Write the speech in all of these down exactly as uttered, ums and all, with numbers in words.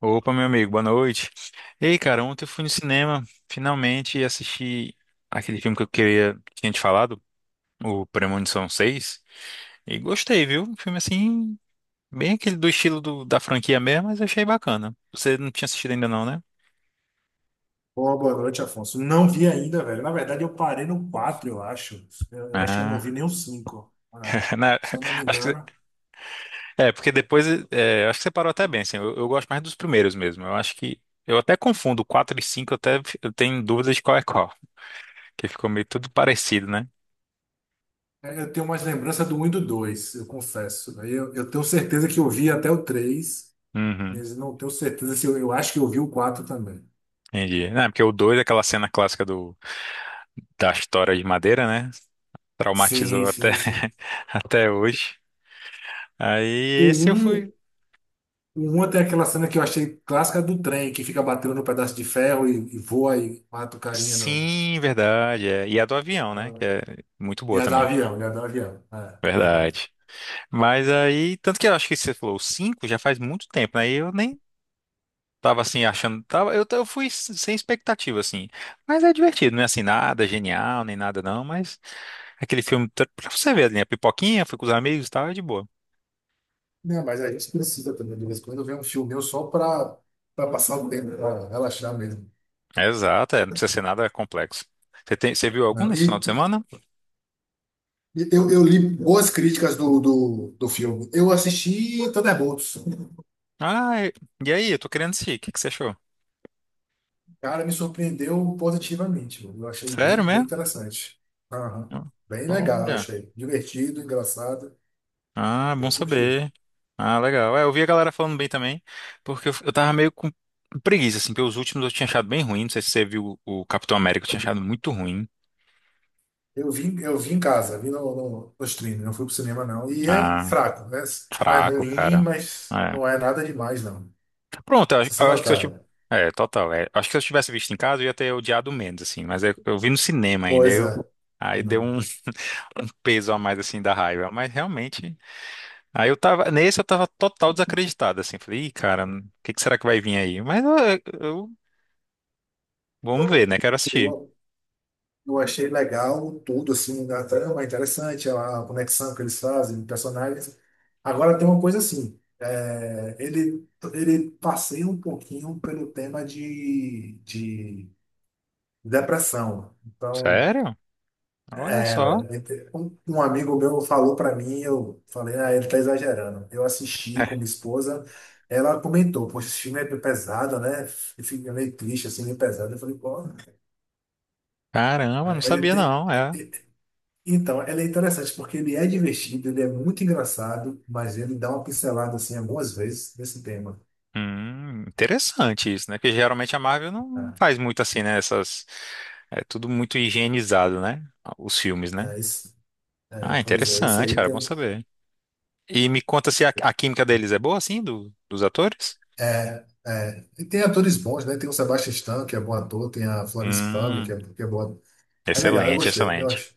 Opa, meu amigo, boa noite. Ei, cara, ontem eu fui no cinema, finalmente, e assisti aquele filme que eu queria, tinha te falado, o Premonição seis e gostei, viu? Um filme assim, bem aquele do estilo do- da franquia mesmo, mas achei bacana. Você não tinha assistido ainda não, né? Boa, boa noite, Afonso. Não vi ainda, velho. Na verdade, eu parei no quatro, eu acho. Eu, eu acho que eu não vi Ah, nem o cinco, né? na- Se eu não me acho engano. que, é, porque depois, é, acho que você parou até bem, assim, eu, eu gosto mais dos primeiros mesmo, eu acho que, eu até confundo quatro e cinco eu até eu tenho dúvidas de qual é qual, que ficou meio tudo parecido, né? É, eu tenho mais lembrança do um e do dois, eu confesso. Aí Eu, eu tenho certeza que eu vi até o três, Uhum. mas não tenho certeza se eu, eu acho que eu vi o quatro também. Entendi. Não, é porque o dois é aquela cena clássica do, da história de madeira, né? Sim, Traumatizou até, sim, sim. até hoje. O Aí esse eu fui. um, o um tem aquela cena que eu achei clássica do trem, que fica batendo no pedaço de ferro e, e voa e mata o carinha. No, Sim, verdade. É. E a do avião, né? Que é muito e boa a do também. avião, e a do avião. É, verdade. Verdade. Mas aí, tanto que eu acho que você falou, o cinco já faz muito tempo, né? E eu nem tava assim achando. Tava, eu, eu fui s- sem expectativa, assim. Mas é divertido, não é assim nada genial, nem nada não. Mas aquele filme, tá- pra você ver, né? A pipoquinha, fui com os amigos e tal, é de boa. Né, mas a gente precisa também, de vez em quando, ver um filme meu só para passar o tempo, para relaxar mesmo. Exato, é, não precisa ser nada complexo. Você tem, você viu Né? algum nesse final E de semana? e eu, eu li boas críticas do, do, do filme. Eu assisti Thunderbolts. Ah, e e aí, eu tô querendo sim o que que você achou? Cara, me surpreendeu positivamente. Eu achei Sério bem, bem mesmo? interessante. Aham. Bem legal, eu Olha, achei. Divertido, engraçado. ah, bom Eu curti. saber. Ah, legal. É, eu vi a galera falando bem também, porque eu, eu tava meio com preguiça, assim, porque os últimos eu tinha achado bem ruim, não sei se você viu o, o Capitão América, eu tinha achado muito ruim. Eu vim, eu vi em casa, vi no, no, no streaming, não fui pro cinema, não. E é Ah, fraco, né? Não é fraco, ruim, cara. mas É. não é nada demais, não. Pronto, eu, acho Sessão eu da acho que se eu tivesse... tarde. É, total, é. Acho que se eu tivesse visto em casa, eu ia ter odiado menos, assim, mas eu, eu vi no cinema ainda, Pois eu... é. Aí deu Não. um... um peso a mais assim da raiva, mas realmente, aí eu tava, nesse eu tava total desacreditado assim, falei, Ih, cara, o que que será que vai vir aí? Mas eu, eu- vamos ver, né? Quero assistir. Eu, eu achei legal tudo, assim, a trama é interessante, a conexão que eles fazem, personagens. Agora tem uma coisa assim, é, ele, ele passeia um pouquinho pelo tema de, de depressão. Então, Sério? Olha só. era. Um, um amigo meu falou para mim, eu falei, ah, ele tá exagerando. Eu assisti É. com minha esposa, ela comentou, poxa, esse filme é pesado, né? E fica meio triste, assim, meio pesado. Eu falei, pô, Caramba, não é, ele sabia tem. não, é. Então, ela é interessante porque ele é divertido, ele é muito engraçado, mas ele dá uma pincelada assim algumas vezes nesse tema. Hum, interessante isso, né? Porque geralmente a Marvel não não Ah, faz muito assim, né? Essas, é tudo muito higienizado, né? Os filmes, né? é, esse, é, Ah, pois é, esse interessante, aí cara, bom tem. saber. E me conta se a, a química deles é boa, assim, do- dos atores? É, é, e tem atores bons, né? Tem o Sebastian Stan, que é bom ator, tem a Florence Pugh, Hum, que é, que é boa. É legal, eu excelente, gostei, eu excelente. acho.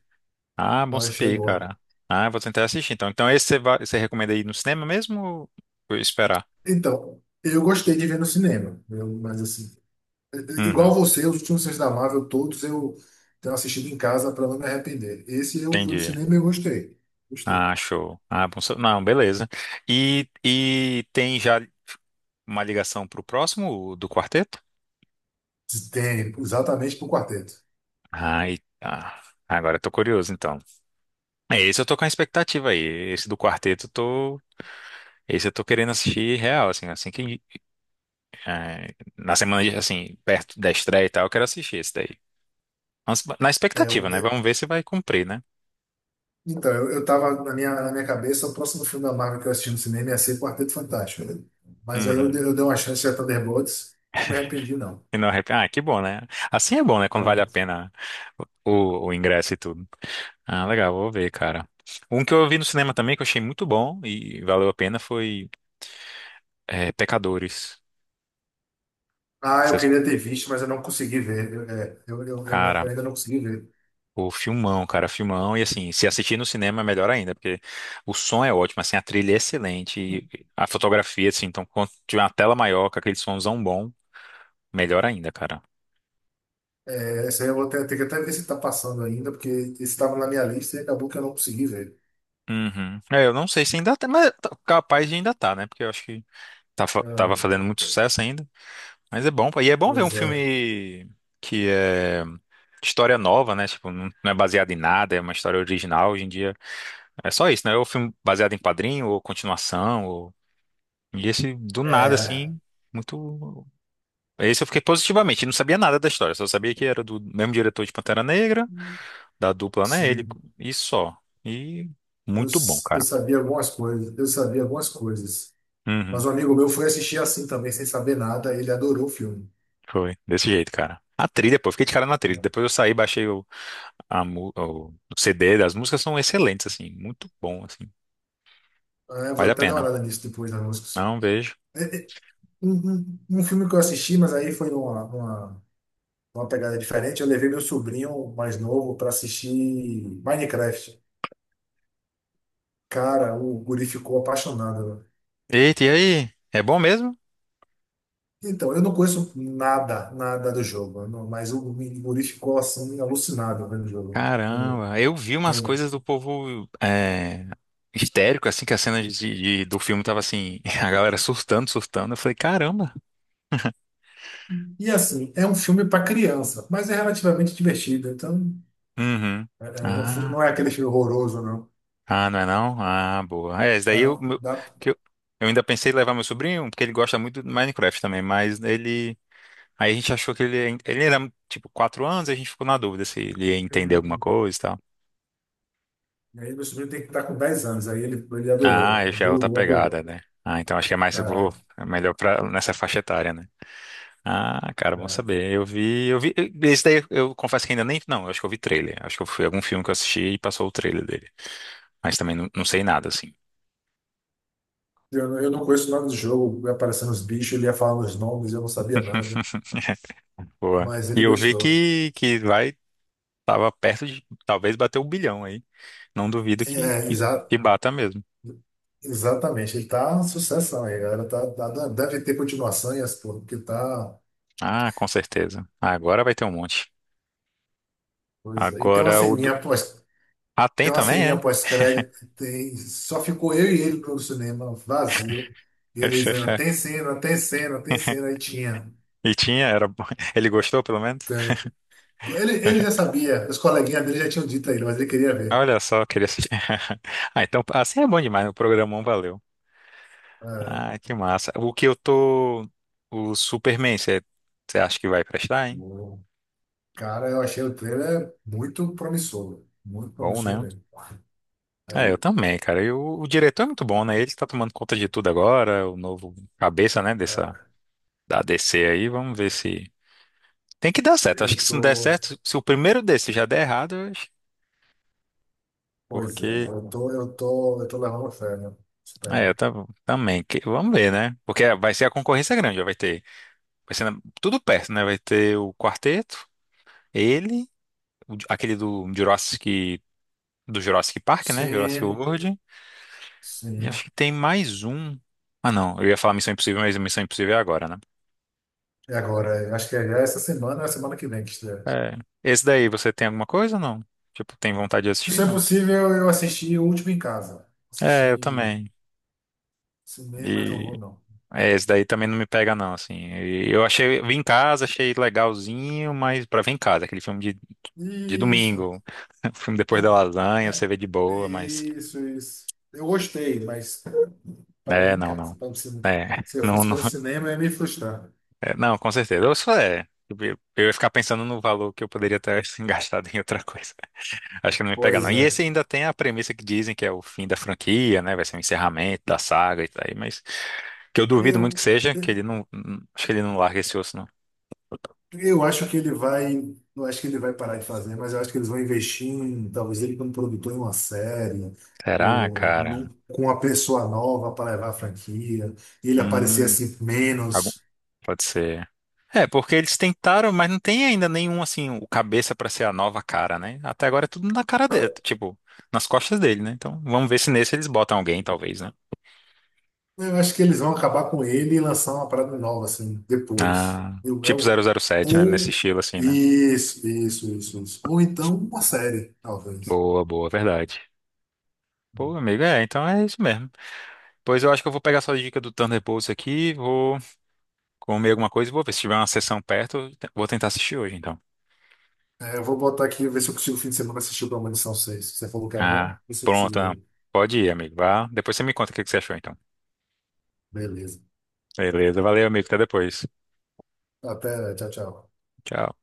Ah, Eu bom achei saber, boa. cara. Ah, eu vou tentar assistir, então. Então esse você vai, você recomenda ir no cinema mesmo ou esperar? Então, eu gostei de ver no cinema, eu- mas assim, igual Uhum, você, os últimos filmes da Marvel, todos eu tenho assistido em casa para não me arrepender. Esse eu fui no entendi. cinema e eu gostei. Gostei. Ah, show. Ah, bom saber. Não, beleza. E, e tem já uma ligação pro próximo do quarteto? Tem, exatamente para o quarteto. Ai, ah, agora eu tô curioso, então. É, esse eu tô com a expectativa aí. Esse do quarteto eu tô. Esse eu tô querendo assistir real, assim, assim que. É, na semana, de- assim, perto da estreia e tal, eu quero assistir esse daí. Mas, na É, eu- expectativa, né? é- Vamos ver se vai cumprir, né? então, eu, eu tava na minha, na minha cabeça, o próximo filme da Marvel que eu assisti no cinema ia ser Quarteto Fantástico. Mas aí eu, Uhum. dei- eu dei uma chance a Thunderbolts, não me arrependi, não. E não arrepe- ah, que bom, né? Assim é bom, né? Quando vale a Ah, pena o, o o ingresso e tudo. Ah, legal, vou ver, cara. Um que eu vi no cinema também que eu achei muito bom e valeu a pena foi é, Pecadores. ah, eu Vocês- queria ter visto, mas eu não consegui ver. Eu, é, eu, eu, eu- Cara, eu ainda não consegui ver. o filmão, cara, filmão. E assim, se assistir no cinema é melhor ainda, porque o som é ótimo, assim, a trilha é excelente, e a fotografia, assim, então quando tiver uma tela maior, com aquele somzão bom, melhor ainda, cara. É, essa aí eu vou ter, ter que até ver se está passando ainda, porque esse estava na minha lista e acabou que eu não consegui ver. Uhum. É, eu não sei se ainda tá, mas tá- capaz de ainda tá, né? Porque eu acho que tá fa- tava Ah, fazendo muito é, é, sucesso ainda. Mas é bom, pô. E é bom ver um pois é. filme que é história nova, né? Tipo, não não é baseado em nada, é uma história original. Hoje em dia é só isso, né? Ou filme baseado em quadrinho, ou continuação, ou... E esse, do nada, É, assim, muito... Esse eu fiquei positivamente, não sabia nada da história, só sabia que era do mesmo diretor de Pantera Negra, da dupla, né? Ele, sim. e só. E Eu, muito bom, s- eu cara. sabia algumas coisas. Eu sabia algumas coisas. Uhum, Mas um amigo meu foi assistir assim também, sem saber nada. Ele adorou o filme. foi, desse jeito, cara. A trilha, pô, eu fiquei de cara na trilha. Depois eu saí, baixei o a mu- o o C D, das músicas são excelentes, assim, muito bom, assim, É, vou vale a até dar uma pena. olhada nisso depois nas músicas. Não vejo. É, é, Um, um- um filme que eu assisti, mas aí foi numa, numa, numa pegada diferente. Eu levei meu sobrinho mais novo para assistir Minecraft. Cara, o guri ficou apaixonado. Né? Eita, e aí? É bom mesmo? Então, eu não conheço nada, nada do jogo, não- mas o guri ficou assim, alucinado vendo o jogo, vendo, Caramba, eu vi umas vendo. coisas do povo é, histérico, assim, que a cena de, de- do filme tava assim, a galera surtando, surtando. Eu falei, caramba. E assim, é um filme para criança, mas é relativamente divertido. Então, Uhum. é, é, não, fu- Ah, não é aquele filme horroroso, não. ah, não é não? Ah, boa. É, esse daí eu, Não, meu- dá. que eu, eu ainda pensei em levar meu sobrinho, porque ele gosta muito do Minecraft também, mas ele aí a gente achou que ele, ele era tipo quatro anos, a gente ficou na dúvida se ele ia entender alguma Hum. coisa e tal. E aí meu sobrinho tem que estar com dez anos. Aí ele, ele Ah, adorou. aí já é outra Adorou, pegada, adorou. né? Ah, então acho que é mais É, vou- é melhor pra, nessa faixa etária, né? Ah, cara, bom é. saber. Eu vi, eu vi. Esse daí eu confesso que ainda nem. Não, eu acho que eu vi trailer. Acho que eu fui algum filme que eu assisti e passou o trailer dele. Mas também não, não sei nada, assim. Eu, não- eu não conheço o nome do jogo, ia aparecendo os bichos, ele ia falando os nomes, eu não sabia nada. Boa. Mas E ele eu vi gostou. que, que vai, tava perto de talvez bater o bilhão aí. Não duvido que, É, que, exa- que bata mesmo. exatamente, ele tá uma sucessão aí, galera. Tá, tá- deve ter continuação e as porra, porque tá. Ah, com certeza. Agora vai ter um monte. Coisa. E tem uma Agora o do... ceninha pós, Ah, tem tem uma também, ceninha é? pós-crédito, tem, só ficou eu e ele no cinema, vazio. E ele dizendo, tem cena, tem cena, tem cena, aí tinha. E tinha, era bom. Ele gostou, pelo menos? Tem. Ele, ele já sabia, os coleguinhas dele já tinham dito a ele, mas ele queria ver. Olha só, queria assistir. Ah, então, assim é bom demais, né? O programão valeu. É. Ah, que massa. O que eu tô... O Superman, você você acha que vai prestar, hein? O cara, eu achei o trailer muito promissor, muito Bom, promissor né? mesmo. É, eu É, também, cara. E o, o diretor é muito bom, né? Ele tá tomando conta de tudo agora, o novo cabeça, né, dessa... é, da D C aí. Vamos ver se... Tem que dar certo. Acho eu que se não der tô, certo, se o primeiro desse já der errado, pois é, Porque. eu tô, eu tô, eu tô levando fé, né? É, Superman. tá, também. Que- vamos ver, né? Porque vai ser a concorrência grande, já vai ter. Vai ser na- tudo perto, né? Vai ter o quarteto, ele, o de- aquele do Jurassic, do Jurassic Park, né? Jurassic Sim, World. E sim. acho que tem mais um. Ah, não. Eu ia falar Missão Impossível, mas Missão Impossível é agora, né? E agora, eu acho que é já essa semana, ou é a semana que vem que estreia. É. Esse daí, você tem alguma coisa ou não? Tipo, tem vontade de Se isso assistir? é Não. possível, eu assisti o último em casa. Assisti É, eu em também. cinema, eu não E vou, não. é, esse daí também não me pega, não, assim. E eu achei, vi em casa, achei legalzinho, mas pra ver em casa, aquele filme de de Isso. domingo. O filme depois da lasanha, É, você vê de é, boa, mas. isso, isso. Eu gostei, mas para É, em não, casa. não. Para o se É, eu não, fosse não, para o cinema, eu ia me frustrar. é, não, com certeza. Eu só é. Eu eu ia ficar pensando no valor que eu poderia ter gastado em outra coisa. Acho que não me pega, não. Pois E é. esse ainda tem a premissa que dizem que é o fim da franquia, né? Vai ser o encerramento da saga e tal, mas que eu duvido muito que Eu, seja, que ele não. Acho que ele não larga esse osso, não. eu acho que ele vai. Não acho que ele vai parar de fazer, mas eu acho que eles vão investir em, talvez ele como produtor em uma série, Será, ou num- cara? com uma pessoa nova para levar a franquia, ele aparecer Hum, assim algum- menos. Pode ser. É, porque eles tentaram, mas não tem ainda nenhum, assim, o cabeça pra ser a nova cara, né? Até agora é tudo na cara dele, tipo, nas costas dele, né? Então, vamos ver se nesse eles botam alguém, talvez, né? Eu acho que eles vão acabar com ele e lançar uma parada nova, assim, depois. Ah, Eu, tipo zero eu- zero sete, né? Nesse ou. estilo, assim, né? Isso, isso, isso, isso. Ou então uma série, talvez. Boa, boa, verdade. Pô, amigo, é, então é isso mesmo. Pois eu acho que eu vou pegar sua dica do Thunderbolts aqui, vou comer alguma coisa e vou ver se tiver uma sessão perto, eu te- vou tentar assistir hoje, então. É, eu vou botar aqui, ver se eu consigo fim de semana assistir o Premonição seis. Você falou que é bom? Ah, Ver se eu pronto, consigo não. ver. Pode ir, amigo, vá. Depois você me conta o que que você achou, então. Beleza. Beleza, valeu, amigo, até depois. Até, tchau, tchau. Tchau.